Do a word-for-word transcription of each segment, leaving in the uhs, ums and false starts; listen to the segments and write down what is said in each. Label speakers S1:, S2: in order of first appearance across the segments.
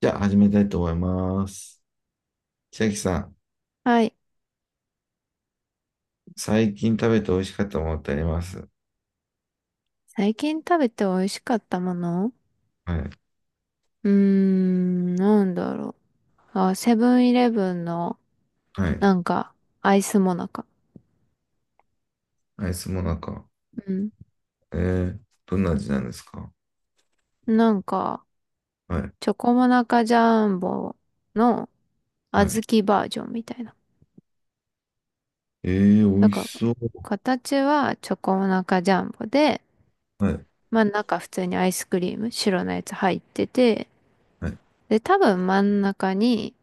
S1: じゃあ始めたいと思います。千秋さん、
S2: はい。
S1: 最近食べて美味しかったものってあります？
S2: 最近食べて美味しかったもの、
S1: はい。
S2: うーん、なんだろう。あ、セブンイレブンの、
S1: はい。
S2: なんか、アイスモナカ。
S1: アイスもなか。
S2: うん。
S1: えー、どんな味なんですか？
S2: なんか、
S1: はい。
S2: チョコモナカジャンボの小
S1: はい。
S2: 豆バージョンみたいな。
S1: えー、美
S2: だ
S1: 味し
S2: から、
S1: そう。
S2: 形はチョコモナカジャンボで、
S1: はい。
S2: まあ中普通にアイスクリーム、白のやつ入ってて、
S1: はい。
S2: で、多分真ん中に、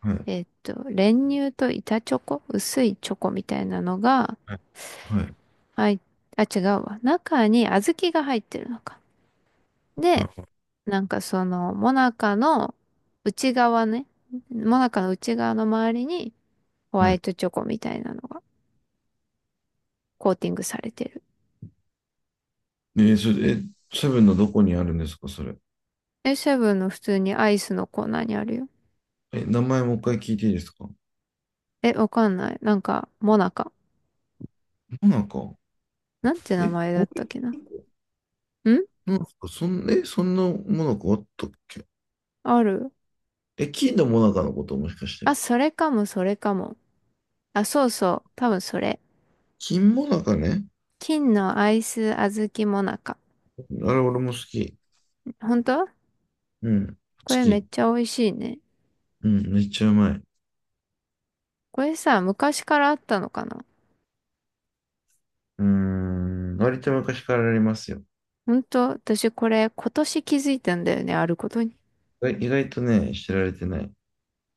S1: はい。
S2: えっと、練乳と板チョコ、薄いチョコみたいなのが、
S1: はい。はい。
S2: はい。あ、違うわ。中に小豆が入ってるのか。
S1: は
S2: で、
S1: い
S2: なんかその、もなかの内側ね。もなかの内側の周りにホ
S1: は
S2: ワ
S1: い。
S2: イトチョコみたいなのがコーティングされてる。
S1: えー、それ、え、セブンのどこにあるんですか、それ。
S2: え、セブンの普通にアイスのコーナーにあるよ。
S1: え、名前もう一回聞いていいですか？も
S2: え、わかんない。なんか、もなか。
S1: なか。
S2: なんて名
S1: え、
S2: 前だ
S1: こ
S2: っ
S1: う
S2: たっ
S1: い
S2: けな。
S1: うとこ
S2: ん
S1: なんですか？そん、え、そんなもなかあったっけ？
S2: ある。
S1: え、金のもなかのこともしかし
S2: あ、
S1: て。
S2: それかも、それかも。あ、そうそう。多分それ。
S1: 金もなかね。
S2: 金のアイス小豆もなか。
S1: あれ、俺も好き。
S2: 本当？
S1: うん。好
S2: これめっ
S1: き。
S2: ちゃ美味しいね。
S1: うん。めっちゃうまい。
S2: これさ、昔からあったのかな？
S1: うーん。割と昔からありますよ。
S2: ほんと、私これ今年気づいたんだよね、あることに。
S1: 意外意外とね、知られてない。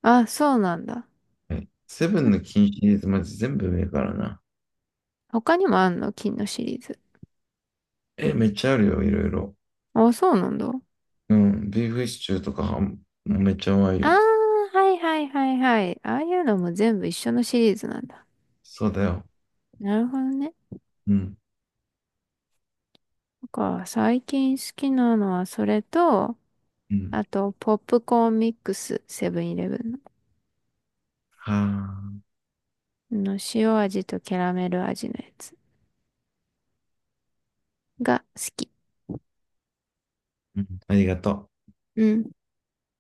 S2: あ、そうなんだ。
S1: はい。セブ
S2: こ
S1: ン
S2: れ
S1: の金シリーズ、まず全部上からな。
S2: 他にもあんの？金のシリーズ。
S1: え、めっちゃあるよ、いろいろ。
S2: あ、そうなんだ。
S1: うん。ビーフシチューとかは、もうめっちゃうまい
S2: あ
S1: よ。
S2: ー、はいはいはいはい。ああいうのも全部一緒のシリーズなんだ。
S1: そうだよ。
S2: なるほどね。
S1: うん。
S2: なんか、最近好きなのはそれと、
S1: うん。
S2: あと、ポップコーンミックス、セブンイレブンの。
S1: はあ。
S2: あの塩味とキャラメル味のやつが好き。
S1: うん。ありがと
S2: うん。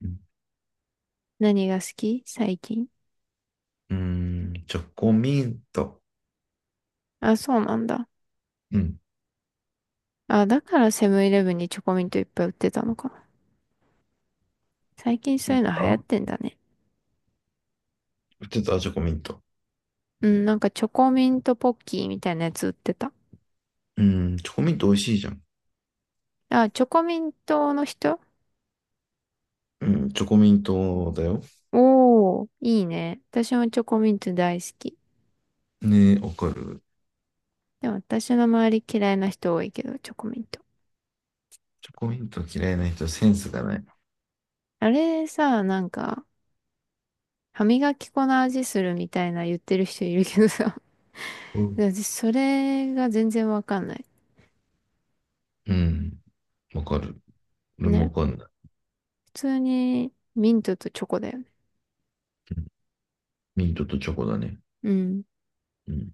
S1: う。うん。
S2: 何が好き最近？
S1: うーん、チョコミント。
S2: あ、そうなんだ。
S1: うん。
S2: あ、だからセブンイレブンにチョコミントいっぱい売ってたのかな。最近
S1: 売
S2: そ
S1: っ
S2: うい
S1: て
S2: うの流行っ
S1: た
S2: てんだね。
S1: 売ってたチョコミント。
S2: うん、なんかチョコミントポッキーみたいなやつ売ってた。
S1: うん。チョコミント美味しいじゃん。
S2: あ、チョコミントの人？
S1: うん。チョコミントだよ。
S2: おー、いいね。私もチョコミント大好き。
S1: ねえ、わかる。
S2: でも私の周り嫌いな人多いけど、チョコミント。
S1: チョコミント嫌いな人はセンスがない。
S2: あれさ、なんか、歯磨き粉の味するみたいな言ってる人いるけどさ。
S1: う ん。
S2: で私それが全然わかんない。
S1: うん、わかる。俺もわ
S2: ね。
S1: かんない。
S2: 普通にミントとチョコだよね。
S1: うん、ミントとチョコだね。
S2: うん。
S1: うん。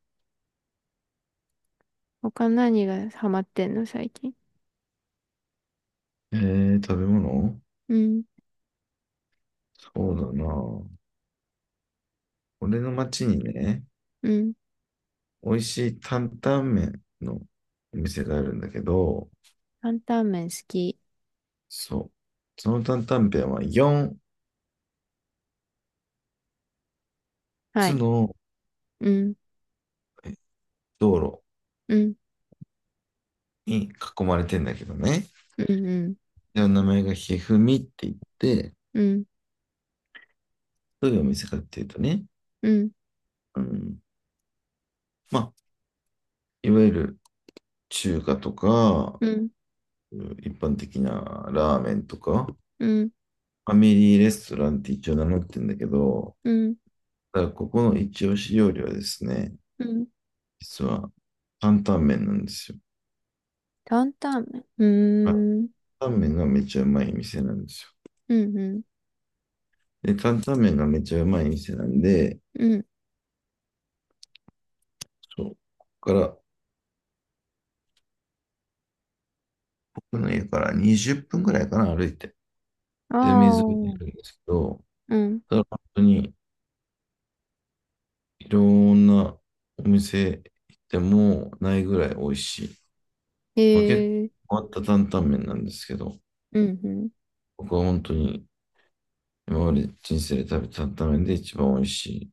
S2: 他何がハマってんの、最近？
S1: えー、食べ物？
S2: うん、
S1: そうだな。俺の町にね、
S2: うん。
S1: 美味しい担々麺のお店があるんだけど、
S2: 担々麺好き。
S1: そう。その担々麺は4
S2: は
S1: つ
S2: い。
S1: の
S2: うん、
S1: え道路
S2: うん、
S1: に囲まれてんだけどね。
S2: うん、うん、
S1: で、名前がひふみって言って、
S2: うん、
S1: どういうお店かっていうとね、
S2: うん、
S1: うん、まあ、いわゆる中華とか、
S2: うん、
S1: 一般的なラーメンとか、フ
S2: うん、
S1: ァミリーレストランって一応名乗ってんだけど、
S2: うん、
S1: ただここの一押し料理はですね、
S2: うん。
S1: 実は担々麺なんですよ。
S2: 担々麺。うーん、
S1: 担々麺がめちゃうまい店なんです
S2: うん、うん、
S1: よ。で、担々麺がめちゃうまい店なんで、
S2: うん。
S1: そう、ここから、僕の家からにじゅっぷんぐらいかな、歩いて。
S2: あ
S1: で、水辺にいるん
S2: あ、
S1: ですけど、
S2: うん。
S1: ただ本当にいろんなお店行ってもないぐらい美味しい。
S2: へ
S1: まあ、結
S2: え、
S1: 構変わった担々麺なんですけど、
S2: うん、うん。
S1: 僕は本当に今まで人生で食べた担々麺で一番美味しい。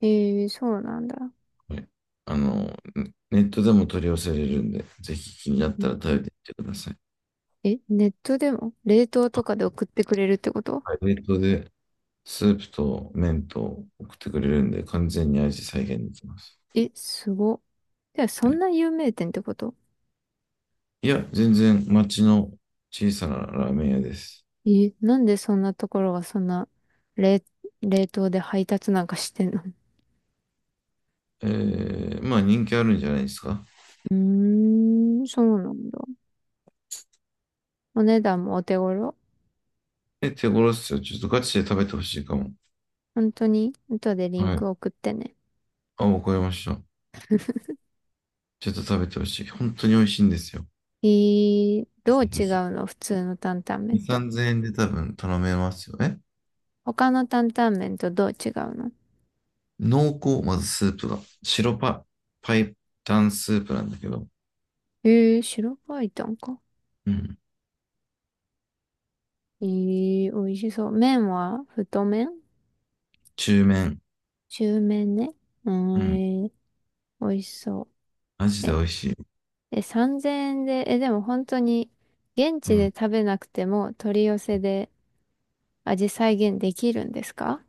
S2: へえ、そうなんだ。
S1: これあの、ねネネットでも取り寄せれるんで、ぜひ気になっ
S2: う
S1: た
S2: ん。
S1: ら食べてみてください。
S2: え、ネットでも冷凍とかで送ってくれるってこと？
S1: はい、冷凍でスープと麺と送ってくれるんで、完全に味再現できます。
S2: え、すご。じゃあ、そ
S1: は
S2: ん
S1: い、
S2: な有名店ってこと？
S1: いや、全然町の小さなラーメン屋です。
S2: え、なんでそんなところがそんな冷、冷凍で配達なんかしてんの？
S1: えー、まあ、人気あるんじゃないですか？
S2: うーん、そうなんだ。お値段もお手頃？
S1: え、手頃っすよ。ちょっとガチで食べてほしいかも。
S2: 本当に後でリン
S1: は
S2: ク
S1: い。
S2: 送ってね。
S1: あ、わかりました。ちょっと食べてほしい。本当に美味しいんですよ。ぜ
S2: えー、どう
S1: ひぜ
S2: 違
S1: ひ。
S2: うの普通の担々
S1: に、
S2: 麺と。
S1: さんぜんえんで多分頼めますよね。
S2: 他の担々麺とどう違うの？
S1: 濃厚、まずスープが。白パ、パイタンスープなんだけど。
S2: えー、白バイタンか。
S1: うん。
S2: えー、美味しそう。麺は太麺？
S1: 中麺。
S2: 中麺ね。うー
S1: う
S2: ん、
S1: ん。
S2: えー美味しそ
S1: マジ
S2: う。
S1: で
S2: え。
S1: 美味しい。
S2: え、さんぜんえんで、え、でも本当に現
S1: う
S2: 地で
S1: ん。
S2: 食べなくても取り寄せで味再現できるんですか？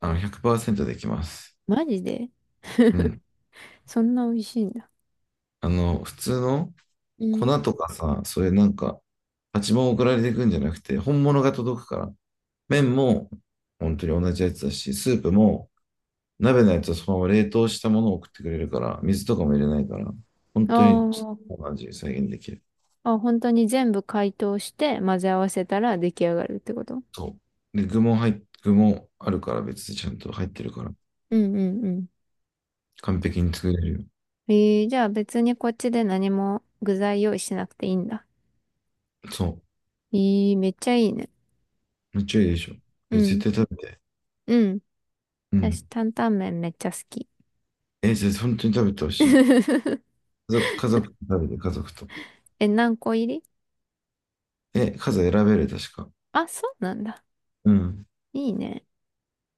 S1: あの、ひゃくパーセントできます。
S2: マジで？
S1: うん。
S2: そんな美味しいんだ。
S1: あの、普通の
S2: う
S1: 粉
S2: ん。
S1: とかさ、それなんか、パチモン送られてくんじゃなくて、本物が届くから。麺も本当に同じやつだし、スープも鍋のやつはそのまま冷凍したものを送ってくれるから、水とかも入れないから、本
S2: あ
S1: 当に
S2: ー。
S1: その味再現できる。
S2: あ、本当に全部解凍して混ぜ合わせたら出来上がるってこと？
S1: そう。で、具も入っ、具もあるから別でちゃんと入ってるから、
S2: うんうんうん。
S1: 完璧に作れるよ。
S2: えー、じゃあ別にこっちで何も具材用意しなくていいんだ。
S1: そ
S2: えー、めっちゃいいね。
S1: う。めっちゃいいでしょ。
S2: う
S1: え、絶
S2: ん。
S1: 対食べて。
S2: うん。
S1: う
S2: 私、
S1: ん。
S2: 担々麺めっちゃ好き。
S1: え、絶対本当に食べてほしい。家族、家族と食べて、家族と。
S2: え、何個入り？
S1: え、数選べる、確か。
S2: あ、そうなんだ。
S1: うん。
S2: いいね。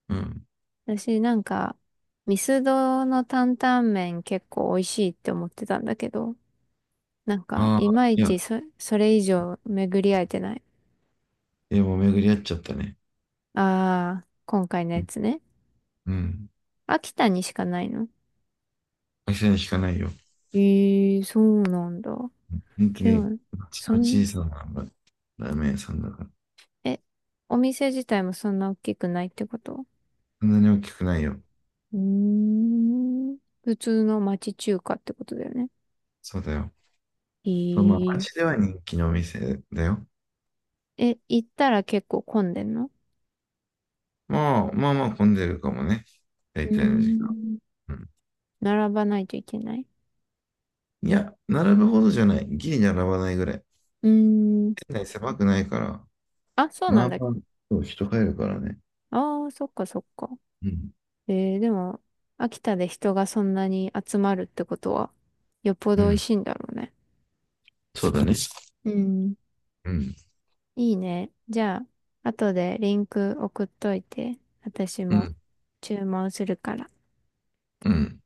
S1: うん。
S2: 私なんか、ミスドの担々麺結構美味しいって思ってたんだけど、なんか、
S1: あ
S2: い
S1: あ、
S2: まい
S1: いや、
S2: ちそ、それ以上巡り合えてない。
S1: いやもう巡り合っちゃったね。
S2: ああ、今回の
S1: う
S2: や
S1: ん。
S2: つね。
S1: うん。
S2: 秋田にしかないの？
S1: 会社に引かないよ。
S2: ええー、そうなんだ。
S1: 本当
S2: で
S1: に、う
S2: も、
S1: ち
S2: そ
S1: の
S2: ん、
S1: 小さなまラーメン屋さんだから。
S2: え、お店自体もそんな大きくないってこと？
S1: そんなに大きくないよ。
S2: うーん。普通の町中華ってことだよね。
S1: そうだよ。
S2: え
S1: そう、まあ、街
S2: ー、
S1: では人気のお店だよ。
S2: え、行ったら結構混んでんの？
S1: まあ、まあまあ混んでるかもね。
S2: う
S1: 大
S2: ー
S1: 体の時間。
S2: ん。
S1: うん。
S2: 並ばないといけない？
S1: いや、並ぶほどじゃない。ギリ並ばないぐらい。
S2: うーん。
S1: 店内狭くないから、
S2: あ、そうな
S1: ま
S2: ん
S1: あ
S2: だ。
S1: まあ、そう人入るからね。
S2: ああ、そっかそっか。
S1: うん。
S2: えー、でも、秋田で人がそんなに集まるってことは、よっぽ
S1: う
S2: ど美味
S1: ん。
S2: しいんだろうね。
S1: そうだね。
S2: うん。
S1: うん。
S2: いいね。じゃあ、後でリンク送っといて、私
S1: う
S2: も
S1: ん。
S2: 注文するから。
S1: うん。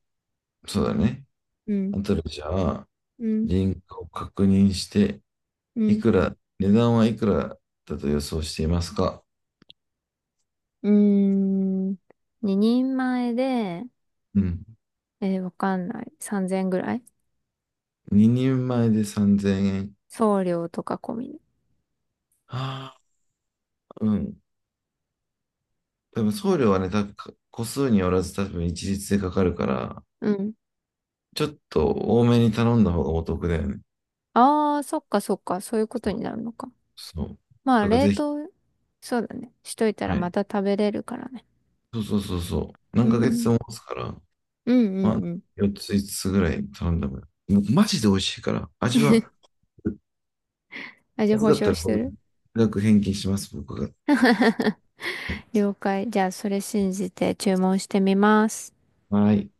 S1: そうだね。
S2: う
S1: あ
S2: ん。
S1: とでじゃあ、
S2: うん。
S1: リンクを確認して、
S2: う
S1: い
S2: ん。
S1: くら、値段はいくらだと予想していますか？
S2: うーん。ににんまえで、
S1: うん。
S2: えー、わかんない。さんぜんぐらい？
S1: ににんまえでさんぜんえん。
S2: 送料とか込みで。
S1: はあ、うん。多分送料はね、多分個数によらず多分一律でかかるから、
S2: うん。
S1: ちょっと多めに頼んだ方がお得だよね。
S2: ああ、そっかそっか。そういうこと
S1: そ
S2: に
S1: う。
S2: なるのか。
S1: そう
S2: まあ、
S1: だから
S2: 冷
S1: ぜひ、
S2: 凍、そうだね。しといたら
S1: は
S2: ま
S1: い。
S2: た食べれるからね。
S1: そうそうそうそう。
S2: う
S1: 何ヶ月
S2: ん。
S1: も持つから、
S2: うんう
S1: まあ、
S2: んうん。
S1: よっつ、5つつぐらい頼んだもん。もうマジで美味しいから、味は、
S2: 味
S1: まず
S2: 保
S1: かっ
S2: 証
S1: たら、
S2: し
S1: こ
S2: て
S1: れ、
S2: る？
S1: 額返金します、僕が。はい。
S2: 了解。じゃあ、それ信じて注文してみます。
S1: はい